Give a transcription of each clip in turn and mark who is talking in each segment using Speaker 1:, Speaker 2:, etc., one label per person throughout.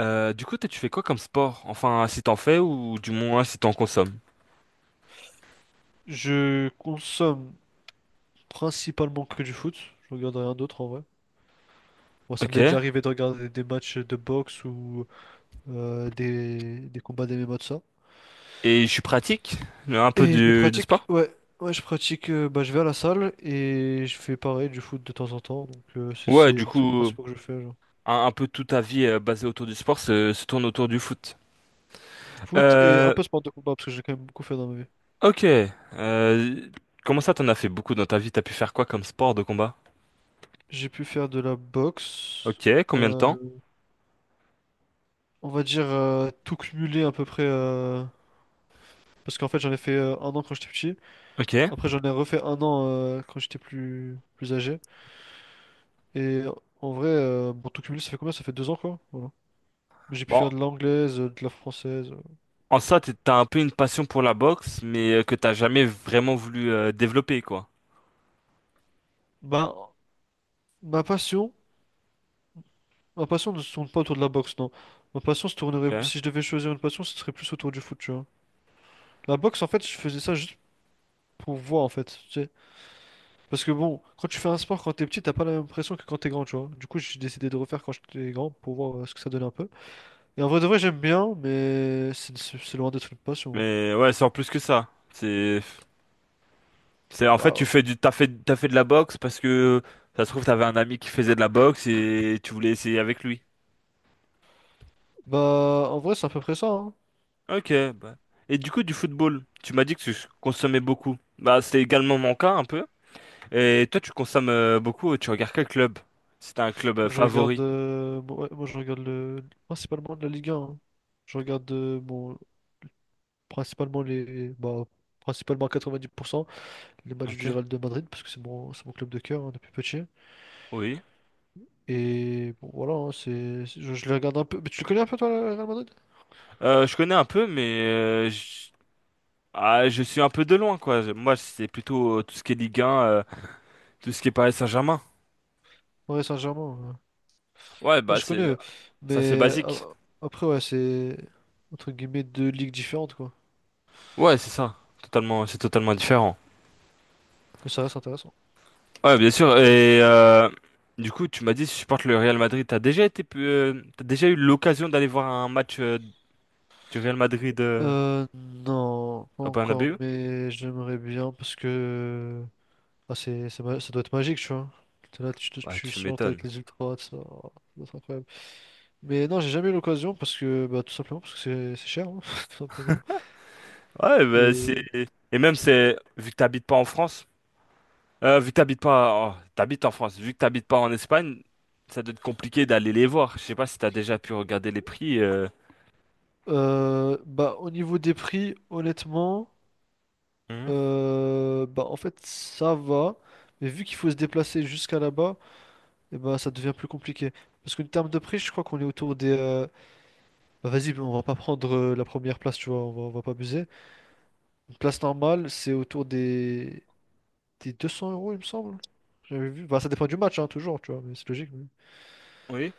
Speaker 1: Toi, tu fais quoi comme sport? Enfin, si t'en fais ou du moins si t'en consommes.
Speaker 2: Je consomme principalement que du foot. Je regarde rien d'autre en vrai. Bon, ça
Speaker 1: Ok.
Speaker 2: m'est déjà arrivé de regarder des matchs de boxe ou des combats d'MMA de ça.
Speaker 1: Et je suis pratique? Un peu
Speaker 2: Et je
Speaker 1: du
Speaker 2: pratique,
Speaker 1: sport?
Speaker 2: ouais, ouais, je pratique, bah, je vais à la salle et je fais pareil du foot de temps en temps. Donc, c'est
Speaker 1: Ouais,
Speaker 2: c'est
Speaker 1: du
Speaker 2: le truc
Speaker 1: coup,
Speaker 2: principal que je fais, genre.
Speaker 1: un peu toute ta vie basée autour du sport se tourne autour du foot.
Speaker 2: Foot et un
Speaker 1: Euh,
Speaker 2: peu sport de combat parce que j'ai quand même beaucoup fait dans ma vie.
Speaker 1: ok. Comment ça, t'en as fait beaucoup dans ta vie? T'as pu faire quoi comme sport de combat?
Speaker 2: J'ai pu faire de la boxe,
Speaker 1: Ok, combien de
Speaker 2: euh,
Speaker 1: temps?
Speaker 2: on va dire tout cumuler à peu près, parce qu'en fait, j'en ai fait un an quand j'étais petit.
Speaker 1: Ok.
Speaker 2: Après, j'en ai refait un an quand j'étais plus âgé. Et en vrai, bon, tout cumulé, ça fait combien? Ça fait 2 ans, quoi. Voilà. Mais j'ai pu faire
Speaker 1: Bon,
Speaker 2: de l'anglaise, de la française.
Speaker 1: en ça, t'as un peu une passion pour la boxe, mais que t'as jamais vraiment voulu développer, quoi.
Speaker 2: Ben, ma passion, ma passion ne se tourne pas autour de la boxe, non. Ma passion se tournerait,
Speaker 1: Ok.
Speaker 2: si je devais choisir une passion, ce serait plus autour du foot, tu vois. La boxe, en fait, je faisais ça juste pour voir, en fait, tu sais. Parce que bon, quand tu fais un sport quand t'es petit, t'as pas la même pression que quand t'es grand, tu vois. Du coup, j'ai décidé de refaire quand j'étais grand pour voir ce que ça donnait un peu. Et en vrai de vrai, j'aime bien, mais c'est loin d'être une passion, hein.
Speaker 1: Mais ouais, c'est en plus que ça. C'est en fait tu
Speaker 2: Waouh.
Speaker 1: fais du t'as fait de la boxe parce que ça se trouve t'avais un ami qui faisait de la boxe et tu voulais essayer avec lui.
Speaker 2: Bah, en vrai, c'est à peu près ça, hein.
Speaker 1: Ok, bah. Et du coup du football, tu m'as dit que tu consommais beaucoup. Bah, c'est également mon cas un peu. Et toi tu consommes beaucoup. Tu regardes quel club? C'est un club
Speaker 2: Moi, je regarde,
Speaker 1: favori.
Speaker 2: bon, ouais, moi, je regarde le, principalement de la Ligue 1, hein. Je regarde bon, principalement les, bah, principalement à 90% les matchs du
Speaker 1: Ok.
Speaker 2: Real de Madrid parce que c'est mon club de cœur, hein, depuis petit.
Speaker 1: Oui.
Speaker 2: Et bon, voilà, hein, je les regarde un peu. Mais tu le connais un peu toi, le Real Madrid?
Speaker 1: Je connais un peu mais je... ah, je suis un peu de loin quoi. Moi c'est plutôt tout ce qui est Ligue 1, tout ce qui est Paris Saint-Germain.
Speaker 2: Ouais, Saint-Germain, ouais.
Speaker 1: Ouais
Speaker 2: Ouais,
Speaker 1: bah
Speaker 2: je connais,
Speaker 1: c'est ça, c'est
Speaker 2: mais
Speaker 1: basique.
Speaker 2: après, ouais, c'est entre guillemets deux ligues différentes quoi.
Speaker 1: Ouais c'est ça. Totalement, c'est totalement différent.
Speaker 2: Mais ça reste intéressant.
Speaker 1: Ouais, bien sûr. Et du coup, tu m'as dit, si tu supportes le Real Madrid. T'as déjà été, t'as déjà eu l'occasion d'aller voir un match du Real Madrid
Speaker 2: Non, pas
Speaker 1: au
Speaker 2: encore,
Speaker 1: Bernabéu?
Speaker 2: mais j'aimerais bien parce que, ah, ça doit être magique, tu vois. T'es là, tu, te-
Speaker 1: Ouais,
Speaker 2: tu
Speaker 1: tu
Speaker 2: sortes
Speaker 1: m'étonnes.
Speaker 2: avec les ultras, tout ça, oh, ça doit être incroyable. Mais non, j'ai jamais eu l'occasion parce que, bah, tout simplement, parce que c'est cher, hein, tout simplement.
Speaker 1: Ouais, bah, c'est
Speaker 2: Et
Speaker 1: et même c'est vu que t'habites pas en France, vu que t'habites pas, oh, t'habites en France, vu que t'habites pas en Espagne, ça doit être compliqué d'aller les voir. Je sais pas si t'as déjà pu regarder les prix, euh.
Speaker 2: bah, au niveau des prix, honnêtement,
Speaker 1: Mhm.
Speaker 2: bah, en fait, ça va. Mais vu qu'il faut se déplacer jusqu'à là-bas, et ben ça devient plus compliqué. Parce qu'en termes de prix, je crois qu'on est autour des, bah vas-y, on va pas prendre la première place, tu vois, on va pas abuser. Une place normale, c'est autour des 200 euros, il me semble. J'avais vu. Bah ça dépend du match, hein, toujours, tu vois, mais c'est logique. Mais,
Speaker 1: Oui.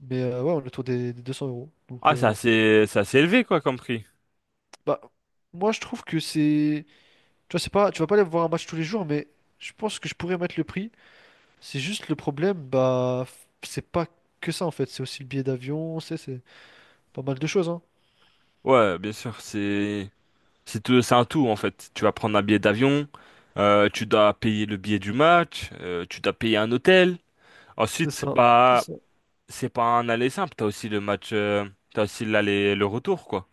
Speaker 2: mais, euh, ouais, on est autour des 200 euros. Donc,
Speaker 1: Ah, c'est assez élevé quoi comme prix.
Speaker 2: bah, moi je trouve que c'est. Tu vois, c'est pas... tu vas pas aller voir un match tous les jours, mais je pense que je pourrais mettre le prix. C'est juste le problème, bah, c'est pas que ça en fait, c'est aussi le billet d'avion, c'est pas mal de choses, hein.
Speaker 1: Ouais, bien sûr, c'est. C'est tout- c'est un tout en fait. Tu vas prendre un billet d'avion, tu dois payer le billet du match, tu dois payer un hôtel.
Speaker 2: C'est
Speaker 1: Ensuite,
Speaker 2: ça, c'est
Speaker 1: bah
Speaker 2: ça.
Speaker 1: c'est pas un aller simple, t'as aussi le match, t'as aussi l'aller, le retour quoi.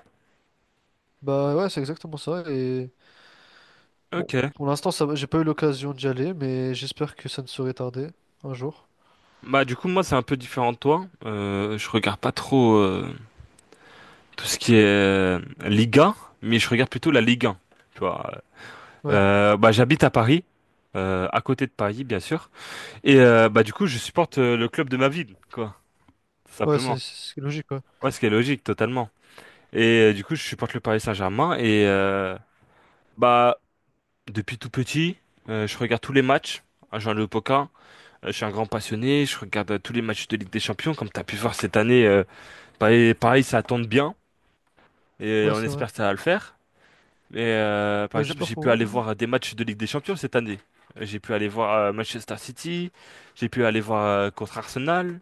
Speaker 2: Bah ouais, c'est exactement ça. Et bon,
Speaker 1: Ok.
Speaker 2: pour l'instant, ça, va, j'ai pas eu l'occasion d'y aller, mais j'espère que ça ne serait tardé un jour.
Speaker 1: Bah du coup moi c'est un peu différent de toi. Je regarde pas trop tout ce qui est Liga, mais je regarde plutôt la Ligue 1. Tu vois.
Speaker 2: Ouais,
Speaker 1: Bah j'habite à Paris, à côté de Paris bien sûr, et bah du coup je supporte le club de ma ville quoi, tout
Speaker 2: ouais,
Speaker 1: simplement.
Speaker 2: c'est logique, ouais.
Speaker 1: Ouais, ce qui est logique totalement. Et du coup, je supporte le Paris Saint-Germain. Et bah, depuis tout petit, je regarde tous les matchs. À Jean Le Poquin, je suis un grand passionné. Je regarde tous les matchs de Ligue des Champions. Comme tu as pu voir cette année, pareil, pareil, ça tombe bien. Et
Speaker 2: Ouais,
Speaker 1: on
Speaker 2: c'est vrai.
Speaker 1: espère que ça va le faire. Et par
Speaker 2: Ouais,
Speaker 1: exemple,
Speaker 2: j'espère
Speaker 1: j'ai pu
Speaker 2: pour
Speaker 1: aller
Speaker 2: vous, hein.
Speaker 1: voir des matchs de Ligue des Champions cette année. J'ai pu aller voir Manchester City. J'ai pu aller voir contre Arsenal.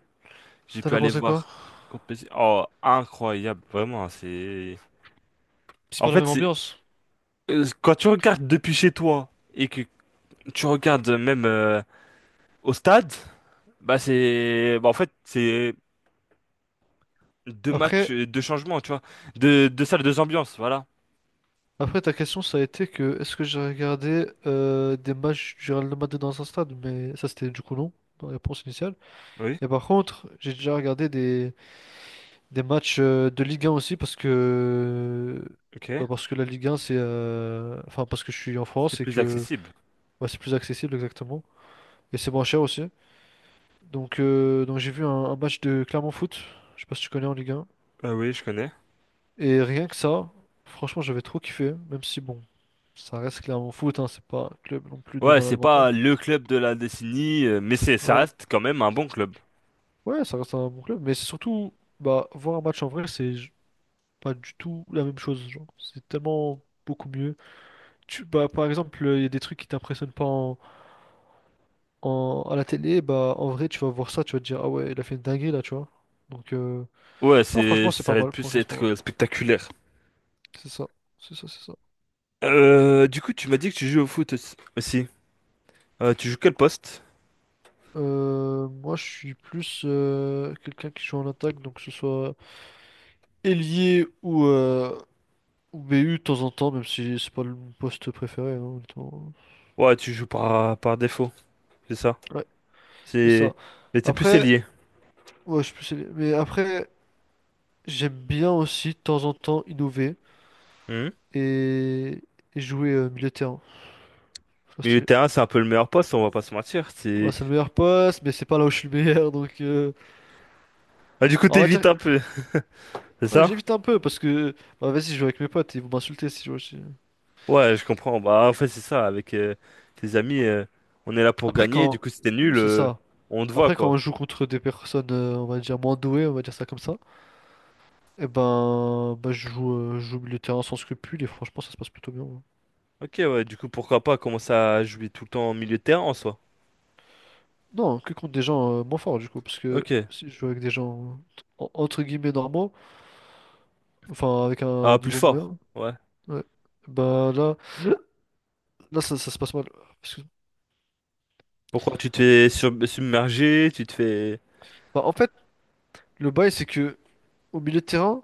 Speaker 1: J'ai
Speaker 2: T'en
Speaker 1: pu
Speaker 2: as
Speaker 1: aller
Speaker 2: pensé quoi?
Speaker 1: voir contre PSG. Oh, incroyable, vraiment. C'est.
Speaker 2: C'est
Speaker 1: En
Speaker 2: pas la
Speaker 1: fait,
Speaker 2: même
Speaker 1: c'est
Speaker 2: ambiance.
Speaker 1: quand tu regardes depuis chez toi et que tu regardes même au stade, bah c'est bah en fait c'est deux matchs,
Speaker 2: Après,
Speaker 1: deux changements, tu vois, deux salles, deux ambiances, voilà.
Speaker 2: après ta question, ça a été que est-ce que j'ai regardé des matchs du Real Madrid dans un stade? Mais ça, c'était du coup non, dans la réponse initiale.
Speaker 1: Oui,
Speaker 2: Et par contre, j'ai déjà regardé des matchs de Ligue 1 aussi parce que,
Speaker 1: ok.
Speaker 2: bah, parce que la Ligue 1, c'est, enfin, parce que je suis en
Speaker 1: C'est
Speaker 2: France et
Speaker 1: plus
Speaker 2: que
Speaker 1: accessible.
Speaker 2: bah, c'est plus accessible exactement. Et c'est moins cher aussi. Donc, j'ai vu un match de Clermont Foot. Je sais pas si tu connais en Ligue 1.
Speaker 1: Ah oui, je connais.
Speaker 2: Et rien que ça, franchement, j'avais trop kiffé. Même si, bon, ça reste Clermont Foot, hein, c'est pas un club non plus de
Speaker 1: Ouais,
Speaker 2: malade
Speaker 1: c'est
Speaker 2: mental.
Speaker 1: pas le club de la décennie, mais c'est ça
Speaker 2: Ouais,
Speaker 1: reste quand même un bon club.
Speaker 2: ouais, ça reste un bon club. Mais c'est surtout, bah, voir un match en vrai, c'est pas du tout la même chose. Genre, c'est tellement beaucoup mieux. Tu, bah, par exemple, il y a des trucs qui t'impressionnent pas à la télé. Bah, en vrai, tu vas voir ça, tu vas te dire, ah ouais, il a fait une dinguerie là, tu vois. Donc,
Speaker 1: Ouais,
Speaker 2: non,
Speaker 1: c'est
Speaker 2: franchement, c'est
Speaker 1: ça
Speaker 2: pas
Speaker 1: va être
Speaker 2: mal.
Speaker 1: plus
Speaker 2: Franchement, c'est pas
Speaker 1: être
Speaker 2: mal.
Speaker 1: spectaculaire.
Speaker 2: C'est ça, c'est ça, c'est ça.
Speaker 1: Du coup, tu m'as dit que tu joues au foot aussi. Tu joues quel poste?
Speaker 2: Moi, je suis plus quelqu'un qui joue en attaque, donc que ce soit ailier ou BU de temps en temps, même si c'est pas mon poste préféré, hein, honnêtement.
Speaker 1: Ouais, tu joues par défaut, c'est ça.
Speaker 2: Ouais, c'est
Speaker 1: C'est
Speaker 2: ça.
Speaker 1: mais t'es plus
Speaker 2: Après,
Speaker 1: ailier.
Speaker 2: ouais, je suis plus ailier. Mais après, j'aime bien aussi de temps en temps innover
Speaker 1: Mhm.
Speaker 2: et, et jouer milieu de terrain. Je trouve
Speaker 1: Milieu de
Speaker 2: stylé.
Speaker 1: terrain, c'est un peu le meilleur poste, on va pas se mentir.
Speaker 2: Ouais,
Speaker 1: C'est...
Speaker 2: c'est le meilleur poste, mais c'est pas là où je suis le meilleur, donc
Speaker 1: Ah, du coup,
Speaker 2: on va dire,
Speaker 1: t'évites un peu, c'est
Speaker 2: ouais,
Speaker 1: ça?
Speaker 2: j'évite un peu parce que bah vas-y, je joue avec mes potes, ils vont m'insulter si je joue aussi.
Speaker 1: Ouais, je comprends. Bah, en fait, c'est ça. Avec tes amis, on est là pour
Speaker 2: Après,
Speaker 1: gagner. Du
Speaker 2: quand.
Speaker 1: coup, si t'es
Speaker 2: Ouais,
Speaker 1: nul,
Speaker 2: c'est ça.
Speaker 1: on te voit,
Speaker 2: Après, quand
Speaker 1: quoi.
Speaker 2: on joue contre des personnes, on va dire, moins douées, on va dire ça comme ça, et ben. Bah, je joue au milieu de terrain sans scrupule et franchement, ça se passe plutôt bien, hein.
Speaker 1: Ok, ouais, du coup, pourquoi pas commencer à jouer tout le temps en milieu de terrain en soi?
Speaker 2: Non, que contre des gens moins forts, du coup, parce que
Speaker 1: Ok.
Speaker 2: si je joue avec des gens, entre guillemets, normaux, enfin, avec un
Speaker 1: Ah, plus
Speaker 2: niveau
Speaker 1: fort.
Speaker 2: moyen,
Speaker 1: Ouais.
Speaker 2: ouais, bah là. Là, ça se passe mal. Parce que-
Speaker 1: Pourquoi tu te fais sur- submerger, tu te fais...
Speaker 2: Bah, en fait, le bail, c'est que au milieu de terrain,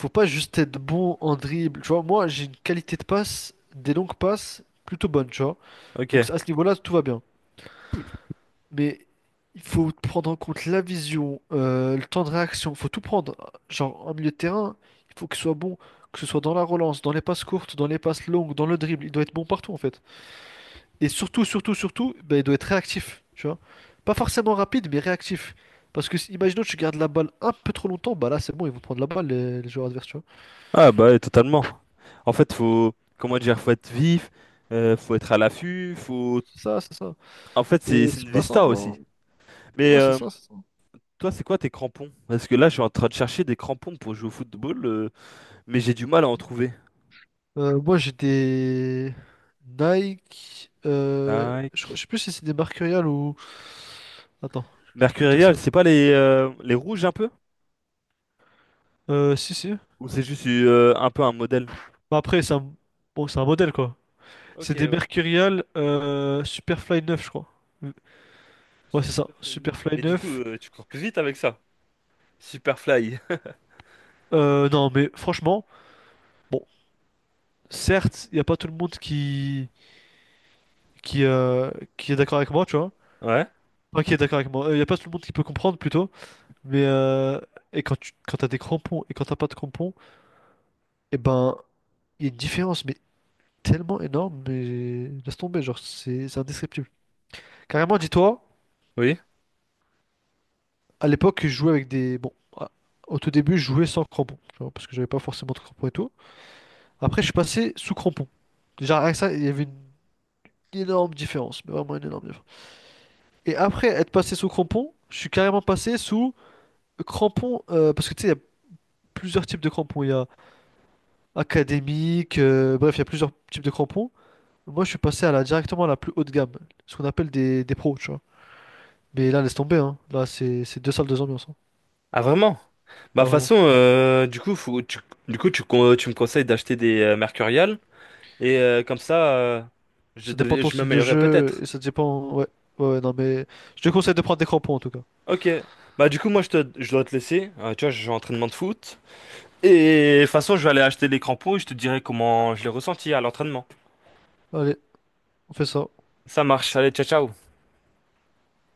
Speaker 2: faut pas juste être bon en dribble. Tu vois, moi, j'ai une qualité de passe, des longues passes, plutôt bonne, tu vois.
Speaker 1: Ok.
Speaker 2: Donc à ce niveau-là, tout va bien. Mais il faut prendre en compte la vision, le temps de réaction, faut tout prendre. Genre en milieu de terrain, il faut qu'il soit bon, que ce soit dans la relance, dans les passes courtes, dans les passes longues, dans le dribble, il doit être bon partout en fait. Et surtout, surtout, surtout, ben, il doit être réactif, tu vois. Pas forcément rapide, mais réactif. Parce que imaginons que tu gardes la balle un peu trop longtemps, bah là c'est bon, ils vont prendre la balle les joueurs adverses, tu vois.
Speaker 1: Ah, bah, ouais, totalement. En fait, faut... Comment dire? Faut être vif, faut être à l'affût, faut...
Speaker 2: C'est ça, c'est ça.
Speaker 1: En fait, c'est
Speaker 2: Et
Speaker 1: c'est
Speaker 2: c'est
Speaker 1: une
Speaker 2: pas
Speaker 1: vista
Speaker 2: simple, hein.
Speaker 1: aussi. Mais...
Speaker 2: Ouais, c'est ça.
Speaker 1: Toi, c'est quoi tes crampons? Parce que là, je suis en train de chercher des crampons pour jouer au football, mais j'ai du mal à en trouver.
Speaker 2: Moi, j'ai des Nike,
Speaker 1: Nike.
Speaker 2: je sais plus si c'est des Mercurial ou. Attends, je vais te dire
Speaker 1: Mercurial,
Speaker 2: ça.
Speaker 1: c'est pas les, les rouges un peu?
Speaker 2: Si, si.
Speaker 1: Ou c'est juste un peu un modèle?
Speaker 2: Bah, après, c'est un... Bon, c'est un modèle, quoi.
Speaker 1: Ok,
Speaker 2: C'est des
Speaker 1: ouais.
Speaker 2: Mercurial Superfly 9 je crois. Ouais, c'est ça.
Speaker 1: Superfly 9.
Speaker 2: Superfly
Speaker 1: Mais du coup,
Speaker 2: neuf
Speaker 1: tu cours plus vite avec ça. Superfly.
Speaker 2: Non, mais franchement, bon, certes, il n'y a pas tout le monde qui, euh, qui est d'accord avec moi, tu vois.
Speaker 1: Ouais,
Speaker 2: Enfin, qui est d'accord avec moi. Il n'y a pas tout le monde qui peut comprendre, plutôt. Mais et quand t'as des crampons et quand t'as pas de crampons, et ben, il y a une différence, mais tellement énorme, mais laisse tomber, genre, c'est indescriptible. Carrément, dis-toi,
Speaker 1: oui.
Speaker 2: à l'époque, je jouais avec des. Bon, au tout début, je jouais sans crampons, tu vois, parce que j'avais pas forcément de crampons et tout. Après, je suis passé sous crampons. Déjà, rien ça, il y avait une énorme différence, mais vraiment une énorme différence. Et après être passé sous crampons, je suis carrément passé sous crampons, parce que tu sais, il y a plusieurs types de crampons. Il y a académique, bref, il y a plusieurs types de crampons. Moi, je suis passé à la directement à la plus haute gamme, ce qu'on appelle des pros, tu vois. Mais là, laisse tomber, hein. Là, c'est deux salles, deux ambiances, hein.
Speaker 1: Ah, vraiment? Bah, de
Speaker 2: Ah,
Speaker 1: toute
Speaker 2: vraiment.
Speaker 1: façon, du coup, faut, tu, du coup tu, con- tu me conseilles d'acheter des Mercurial. Et comme ça,
Speaker 2: Ça dépend de ton
Speaker 1: je
Speaker 2: style de
Speaker 1: m'améliorerai
Speaker 2: jeu
Speaker 1: peut-être.
Speaker 2: et ça dépend. Ouais, ouais, ouais, non, mais je te conseille de prendre des crampons en tout cas.
Speaker 1: Ok. Bah du coup moi je te je dois te laisser. Tu vois, j'ai entraînement de foot. Et de toute façon, je vais aller acheter les crampons et je te dirai comment je l'ai ressenti à l'entraînement.
Speaker 2: Allez, on fait ça.
Speaker 1: Ça marche, allez, ciao ciao.